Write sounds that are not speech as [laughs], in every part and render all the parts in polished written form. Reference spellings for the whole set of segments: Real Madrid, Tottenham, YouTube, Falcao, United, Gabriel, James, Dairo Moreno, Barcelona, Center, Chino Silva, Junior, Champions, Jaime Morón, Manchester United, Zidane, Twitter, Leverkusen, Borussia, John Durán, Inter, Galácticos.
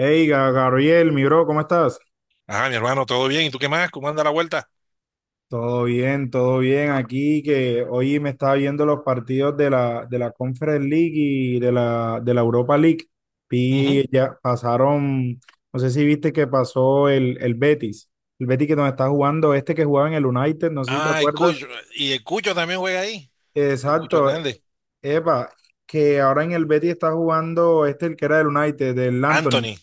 Hey, Gabriel, mi bro, ¿cómo estás? Ah, mi hermano, todo bien. ¿Y tú qué más? ¿Cómo anda la vuelta? Todo bien, todo bien. Aquí que hoy me estaba viendo los partidos de la Conference League y de la Europa League. Ujú. Y ya pasaron, no sé si viste que pasó el Betis. El Betis que nos está jugando, este que jugaba en el United, no sé si te Ah, el acuerdas. Cucho. Y el Cucho también juega ahí. El Cucho Exacto. Hernández. Epa, que ahora en el Betis está jugando este, el que era del United, del Anthony. Anthony.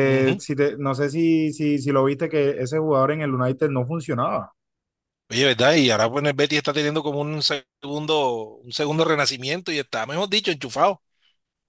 Ujú. si no sé si lo viste, que ese jugador en el United no funcionaba. Oye, ¿verdad? Y ahora pues el Betty está teniendo como un segundo renacimiento y está, mejor dicho, enchufado.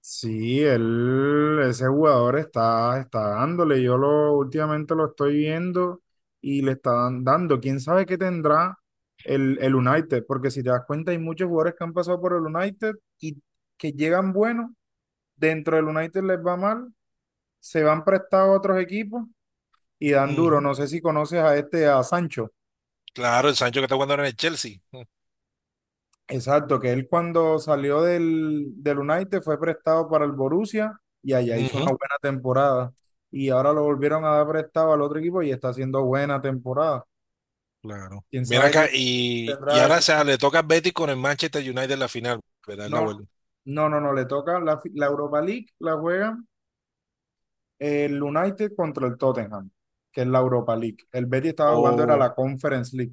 Sí, él, ese jugador está dándole. Yo lo últimamente lo estoy viendo y le está dando. ¿Quién sabe qué tendrá el United? Porque si te das cuenta, hay muchos jugadores que han pasado por el United y que llegan buenos. Dentro del United les va mal, se van prestados a otros equipos y dan duro. Ujú. No sé si conoces a este, a Sancho. Claro, el Sancho que está jugando ahora en el Chelsea. Exacto, que él cuando salió del United fue prestado para el Borussia y allá hizo una Ujú. buena temporada. Y ahora lo volvieron a dar prestado al otro equipo y está haciendo buena temporada. Claro. ¿Quién Ven sabe acá qué y tendrá ahora ese o equipo? sea, le toca al Betty con el Manchester United en la final, ¿verdad? En No, la vuelta. no, no, no, le toca la Europa League, la juegan el United contra el Tottenham, que es la Europa League. El Betis estaba jugando, era la O. Conference League.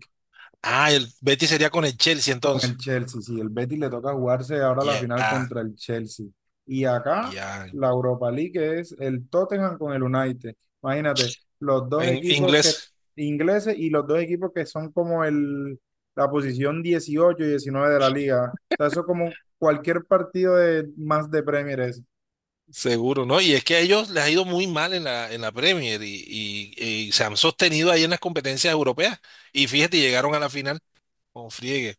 Ah, el Betty sería con el Chelsea Con el entonces. Chelsea, sí, el Betis le toca jugarse ahora la Ya, final contra el Chelsea. Y acá ya. la Europa League es el Tottenham con el United. Imagínate, los dos En equipos que inglés. ingleses y los dos equipos que son como el, la posición 18 y 19 de la liga. O sea, eso es como cualquier partido de más de Premier es. Seguro, ¿no? Y es que a ellos les ha ido muy mal en la Premier y se han sostenido ahí en las competencias europeas. Y fíjate, llegaron a la final con friegue.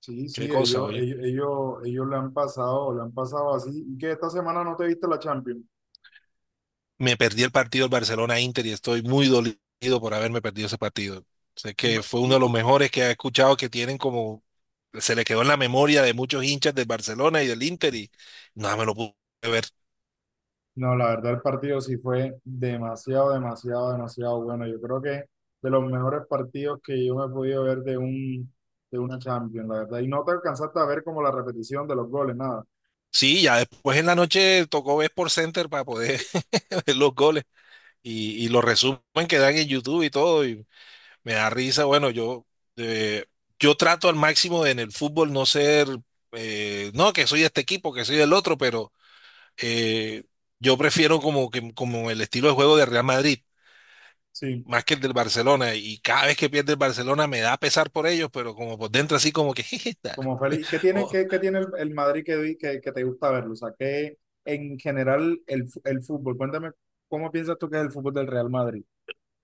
Sí, Qué sí, cosa, ellos, oye. ellos, ellos, ellos le han pasado así. ¿Y que esta semana no te viste la Champions? Me perdí el partido del Barcelona-Inter y estoy muy dolido por haberme perdido ese partido. Sé que No, fue uno de los y, mejores que he escuchado que tienen como, se le quedó en la memoria de muchos hinchas del Barcelona y del Inter y nada, me lo pude ver. No, la verdad el partido sí fue demasiado, demasiado, demasiado bueno. Yo creo que de los mejores partidos que yo me he podido ver de un, de una Champions, la verdad. Y no te alcanzaste a ver como la repetición de los goles, nada. Sí, ya después en la noche tocó ver por Center para poder [laughs] ver los goles y los resumen que dan en YouTube y todo. Y me da risa, bueno, yo, eh, yo trato al máximo de en el fútbol no ser, no, que soy de este equipo, que soy del otro, pero eh, yo prefiero como, que, como el estilo de juego de Real Madrid, Sí, más que el del Barcelona, y cada vez que pierde el Barcelona me da pesar por ellos, pero como por dentro así como que, [laughs] jeje, como feliz. ¿Qué tiene, oh. qué tiene el Madrid que te gusta verlo? O sea, ¿qué en general el fútbol? Cuéntame, ¿cómo piensas tú que es el fútbol del Real Madrid?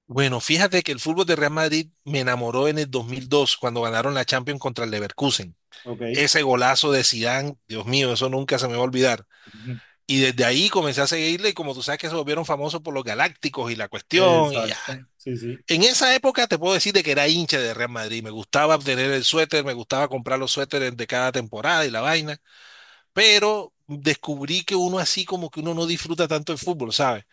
Bueno, fíjate que el fútbol de Real Madrid me enamoró en el 2002 cuando ganaron la Champions contra el Leverkusen. Ok. Ese golazo de Zidane, Dios mío, eso nunca se me va a olvidar. Ujú. Y desde ahí comencé a seguirle y como tú sabes que se volvieron famosos por los Galácticos y la cuestión y ya. Exacto. Sí, sí. En esa época te puedo decir de que era hincha de Real Madrid. Me gustaba obtener el suéter, me gustaba comprar los suéteres de cada temporada y la vaina. Pero descubrí que uno así como que uno no disfruta tanto el fútbol, ¿sabes?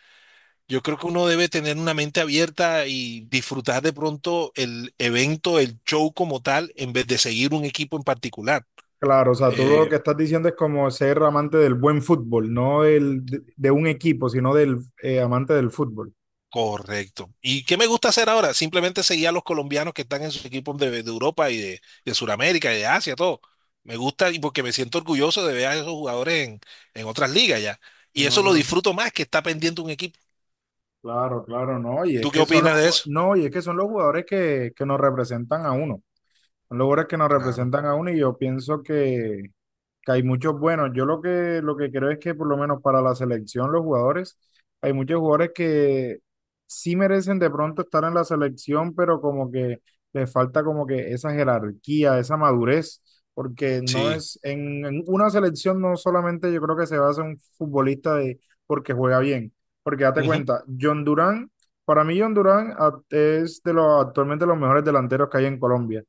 Yo creo que uno debe tener una mente abierta y disfrutar de pronto el evento, el show como tal, en vez de seguir un equipo en particular. Claro, o sea, tú lo Eh, que estás diciendo es como ser amante del buen fútbol, no de un equipo, sino del amante del fútbol. Correcto. ¿Y qué me gusta hacer ahora? Simplemente seguir a los colombianos que están en sus equipos de Europa y de Sudamérica y de Asia, todo. Me gusta y porque me siento orgulloso de ver a esos jugadores en, otras ligas ya. Y En eso lo otro, disfruto más que está pendiente un equipo. claro, claro, no, y es ¿Tú qué que son los, opinas de ju- eso? no, y es que son los jugadores que nos representan a uno, son los jugadores que nos Claro. representan a uno y yo pienso que hay muchos buenos. Yo lo que creo es que por lo menos para la selección, los jugadores, hay muchos jugadores que sí merecen de pronto estar en la selección, pero como que les falta como que esa jerarquía, esa madurez, porque no Sí. es, en una selección no solamente yo creo que se basa un futbolista de porque juega bien, porque date Ujú. cuenta, John Durán, para mí John Durán es de los actualmente los mejores delanteros que hay en Colombia,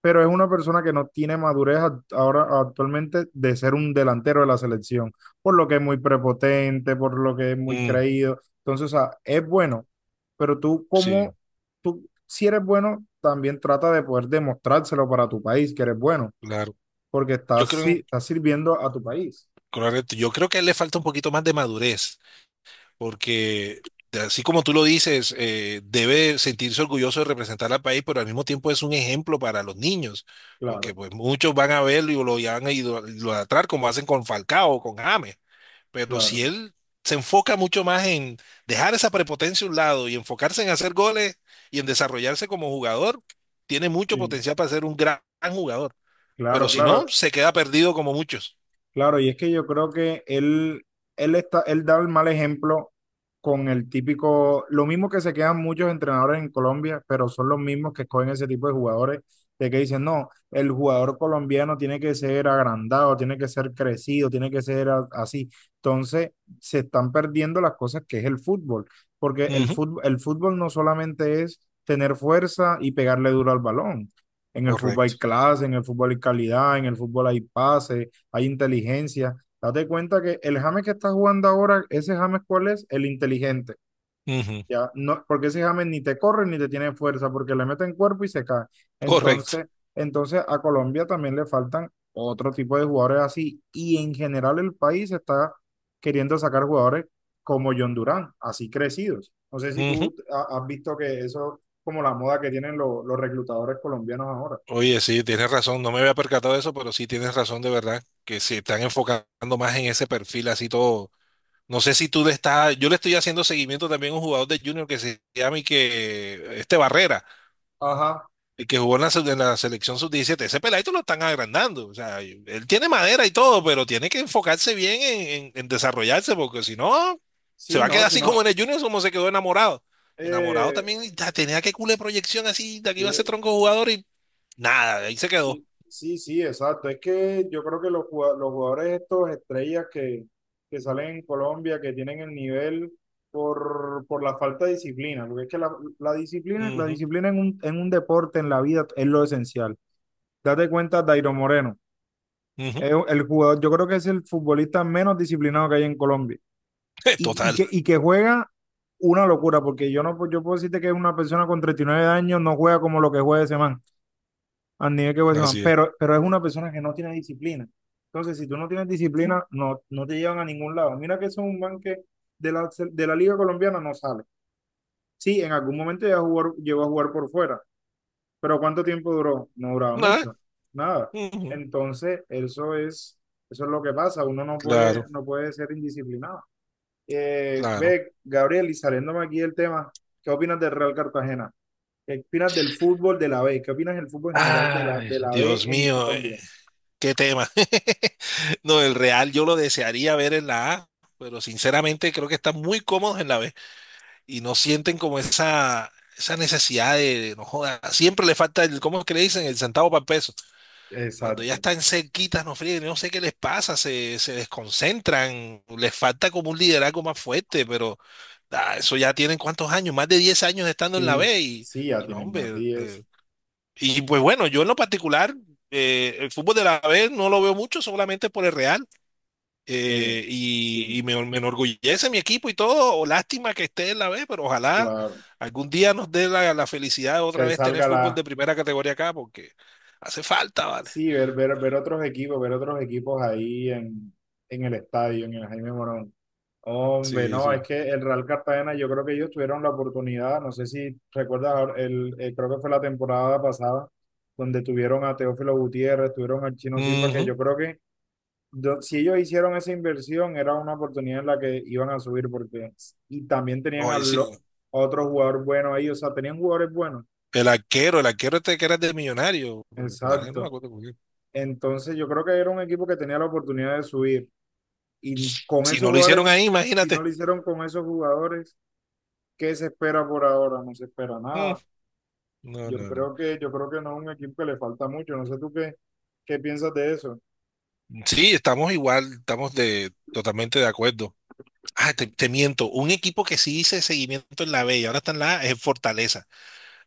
pero es una persona que no tiene madurez ahora actualmente de ser un delantero de la selección, por lo que es muy prepotente, por lo que es muy Mm, creído. Entonces, o sea, es bueno, pero sí, tú si eres bueno, también trata de poder demostrárselo para tu país que eres bueno, claro. porque Yo estás, si- creo, estás sirviendo a tu país. correcto. Yo creo que a él le falta un poquito más de madurez. Porque así como tú lo dices, debe sentirse orgulloso de representar al país, pero al mismo tiempo es un ejemplo para los niños, porque Claro, pues muchos van a verlo y lo y van a idolatrar como hacen con Falcao o con James, pero claro, si él se enfoca mucho más en dejar esa prepotencia a un lado y enfocarse en hacer goles y en desarrollarse como jugador, tiene mucho sí. potencial para ser un gran jugador, pero Claro, si no, claro. se queda perdido como muchos. Claro, y es que yo creo que él da el mal ejemplo con el típico, lo mismo que se quedan muchos entrenadores en Colombia, pero son los mismos que escogen ese tipo de jugadores, de que dicen, no, el jugador colombiano tiene que ser agrandado, tiene que ser crecido, tiene que ser así. Entonces, se están perdiendo las cosas que es el fútbol, porque el Ujú, fútbol, el fútbol no solamente es tener fuerza y pegarle duro al balón. En el fútbol hay correcto. clase, en el fútbol hay calidad, en el fútbol hay pase, hay inteligencia. Date cuenta que el James que está jugando ahora, ese James, ¿cuál es? El inteligente. Ujú, Ya, no, porque ese James ni te corre ni te tiene fuerza, porque le meten cuerpo y se cae. correcto. Entonces, entonces a Colombia también le faltan otro tipo de jugadores así. Y en general el país está queriendo sacar jugadores como John Durán, así crecidos. No sé si tú has visto que eso es como la moda que tienen los reclutadores colombianos ahora. Oye, sí, tienes razón, no me había percatado de eso, pero sí tienes razón de verdad, que se están enfocando más en ese perfil así todo. No sé si tú le estás, yo le estoy haciendo seguimiento también a un jugador de Junior que se llama y que, este Barrera, Ajá, el que jugó en la, en la selección sub 17. Ese peladito lo están agrandando, o sea, él tiene madera y todo, pero tiene que enfocarse bien en, en desarrollarse, porque si no, se sí, va a no, quedar si así no, como en el Junior, como se quedó enamorado. Enamorado eh, también, y tenía que cule proyección así, de aquí iba sí. a ser tronco jugador y nada, ahí se quedó. Sí, sí, sí, exacto. Es que yo creo que los jugadores estos estrellas que salen en Colombia, que tienen el nivel por la falta de disciplina, porque es que la disciplina, la Ujú, disciplina en un deporte, en la vida, es lo esencial. Date cuenta, Dairo Moreno, ujú. es el jugador, yo creo que es el futbolista menos disciplinado que hay en Colombia [laughs] y, y Total, que, y que juega una locura, porque yo no, yo puedo decirte que es una persona con 39 años, no juega como lo que juega ese man al nivel que puede ser Juan, así es. pero es una persona que no tiene disciplina. Entonces, si tú no tienes disciplina, no, no te llevan a ningún lado. Mira que eso es un man que de la Liga Colombiana no sale. Sí, en algún momento ya jugó, llegó a jugar por fuera, pero ¿cuánto tiempo duró? No duraba Ah, mucho, nada. ujú, Entonces, eso es lo que pasa. Uno no puede, claro, no puede ser indisciplinado. Claro. Ve, Gabriel, y saliéndome aquí del tema, ¿qué opinas del Real Cartagena? ¿Qué opinas del fútbol de la B? ¿Qué opinas del fútbol en general de la, Ay, de la B Dios en mío, Colombia? qué tema. [laughs] No, el Real yo lo desearía ver en la A, pero sinceramente creo que están muy cómodos en la B y no sienten como esa, necesidad de, no joda, siempre le falta el, ¿cómo es que le dicen? El centavo para el peso. Cuando ya Exacto. están cerquitas, no fríen, no sé qué les pasa, se desconcentran, les falta como un liderazgo más fuerte, pero eso ya tienen cuántos años, más de 10 años estando en la Sí, B y, sí, ya y no, tienen más hombre. 10. Y pues bueno, yo en lo particular, el fútbol de la B no lo veo mucho, solamente por el Real. Eh, y sí, y me enorgullece mi equipo y todo. O lástima que esté en la B, pero ojalá claro. algún día nos dé la felicidad de Que otra vez tener salga la... fútbol de primera categoría acá, porque hace falta, ¿vale? Sí, ver otros equipos, ver otros equipos ahí en el estadio, en el Jaime Morón. Hombre, Sí, no, es sí. que el Real Cartagena, yo creo que ellos tuvieron la oportunidad, no sé si recuerdas, ahora, creo que fue la temporada pasada, donde tuvieron a Teófilo Gutiérrez, tuvieron al Chino Silva, que Ujú. yo creo que si ellos hicieron esa inversión, era una oportunidad en la que iban a subir, porque y también tenían a, Ay, lo- a sí. otro jugador bueno ahí, o sea, tenían jugadores buenos. El arquero este que era de millonario. No me Exacto. acuerdo cómo era. Entonces yo creo que era un equipo que tenía la oportunidad de subir. Y con Si esos no lo hicieron ahí, jugadores, si no imagínate. lo hicieron con esos jugadores, ¿qué se espera por ahora? No se espera Mm, nada. no, Yo no, no. creo que, yo creo que no es un equipo que le falta mucho. No sé tú qué, piensas de eso. Sí, estamos igual, estamos de, totalmente de acuerdo. Ah, te miento. Un equipo que sí hice seguimiento en la B y ahora está en la A es Fortaleza.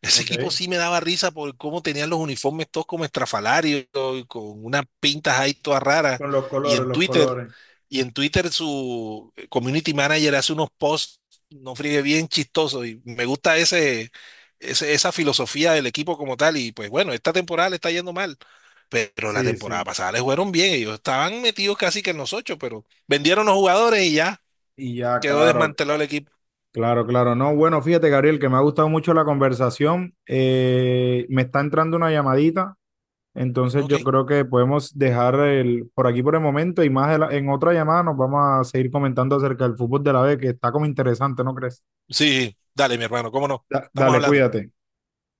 Ese equipo Ok. sí me daba risa por cómo tenían los uniformes todos como estrafalarios y con unas pintas ahí todas raras. Con los Y colores, en los Twitter, colores. y en Twitter, su community manager hace unos posts, no friegue bien chistosos. Y me gusta ese, esa filosofía del equipo como tal. Y pues bueno, esta temporada le está yendo mal. Pero la Sí, temporada sí. pasada les fueron bien. Ellos estaban metidos casi que en los ocho, pero vendieron los jugadores y ya Y ya, quedó claro, desmantelado el equipo. claro, claro. No, bueno, fíjate, Gabriel, que me ha gustado mucho la conversación. Me está entrando una llamadita, entonces Ok. yo creo que podemos dejar por aquí por el momento y más de en otra llamada nos vamos a seguir comentando acerca del fútbol de la B, que está como interesante, ¿no crees? Sí, dale, mi hermano, cómo no. Estamos Dale, hablando. cuídate.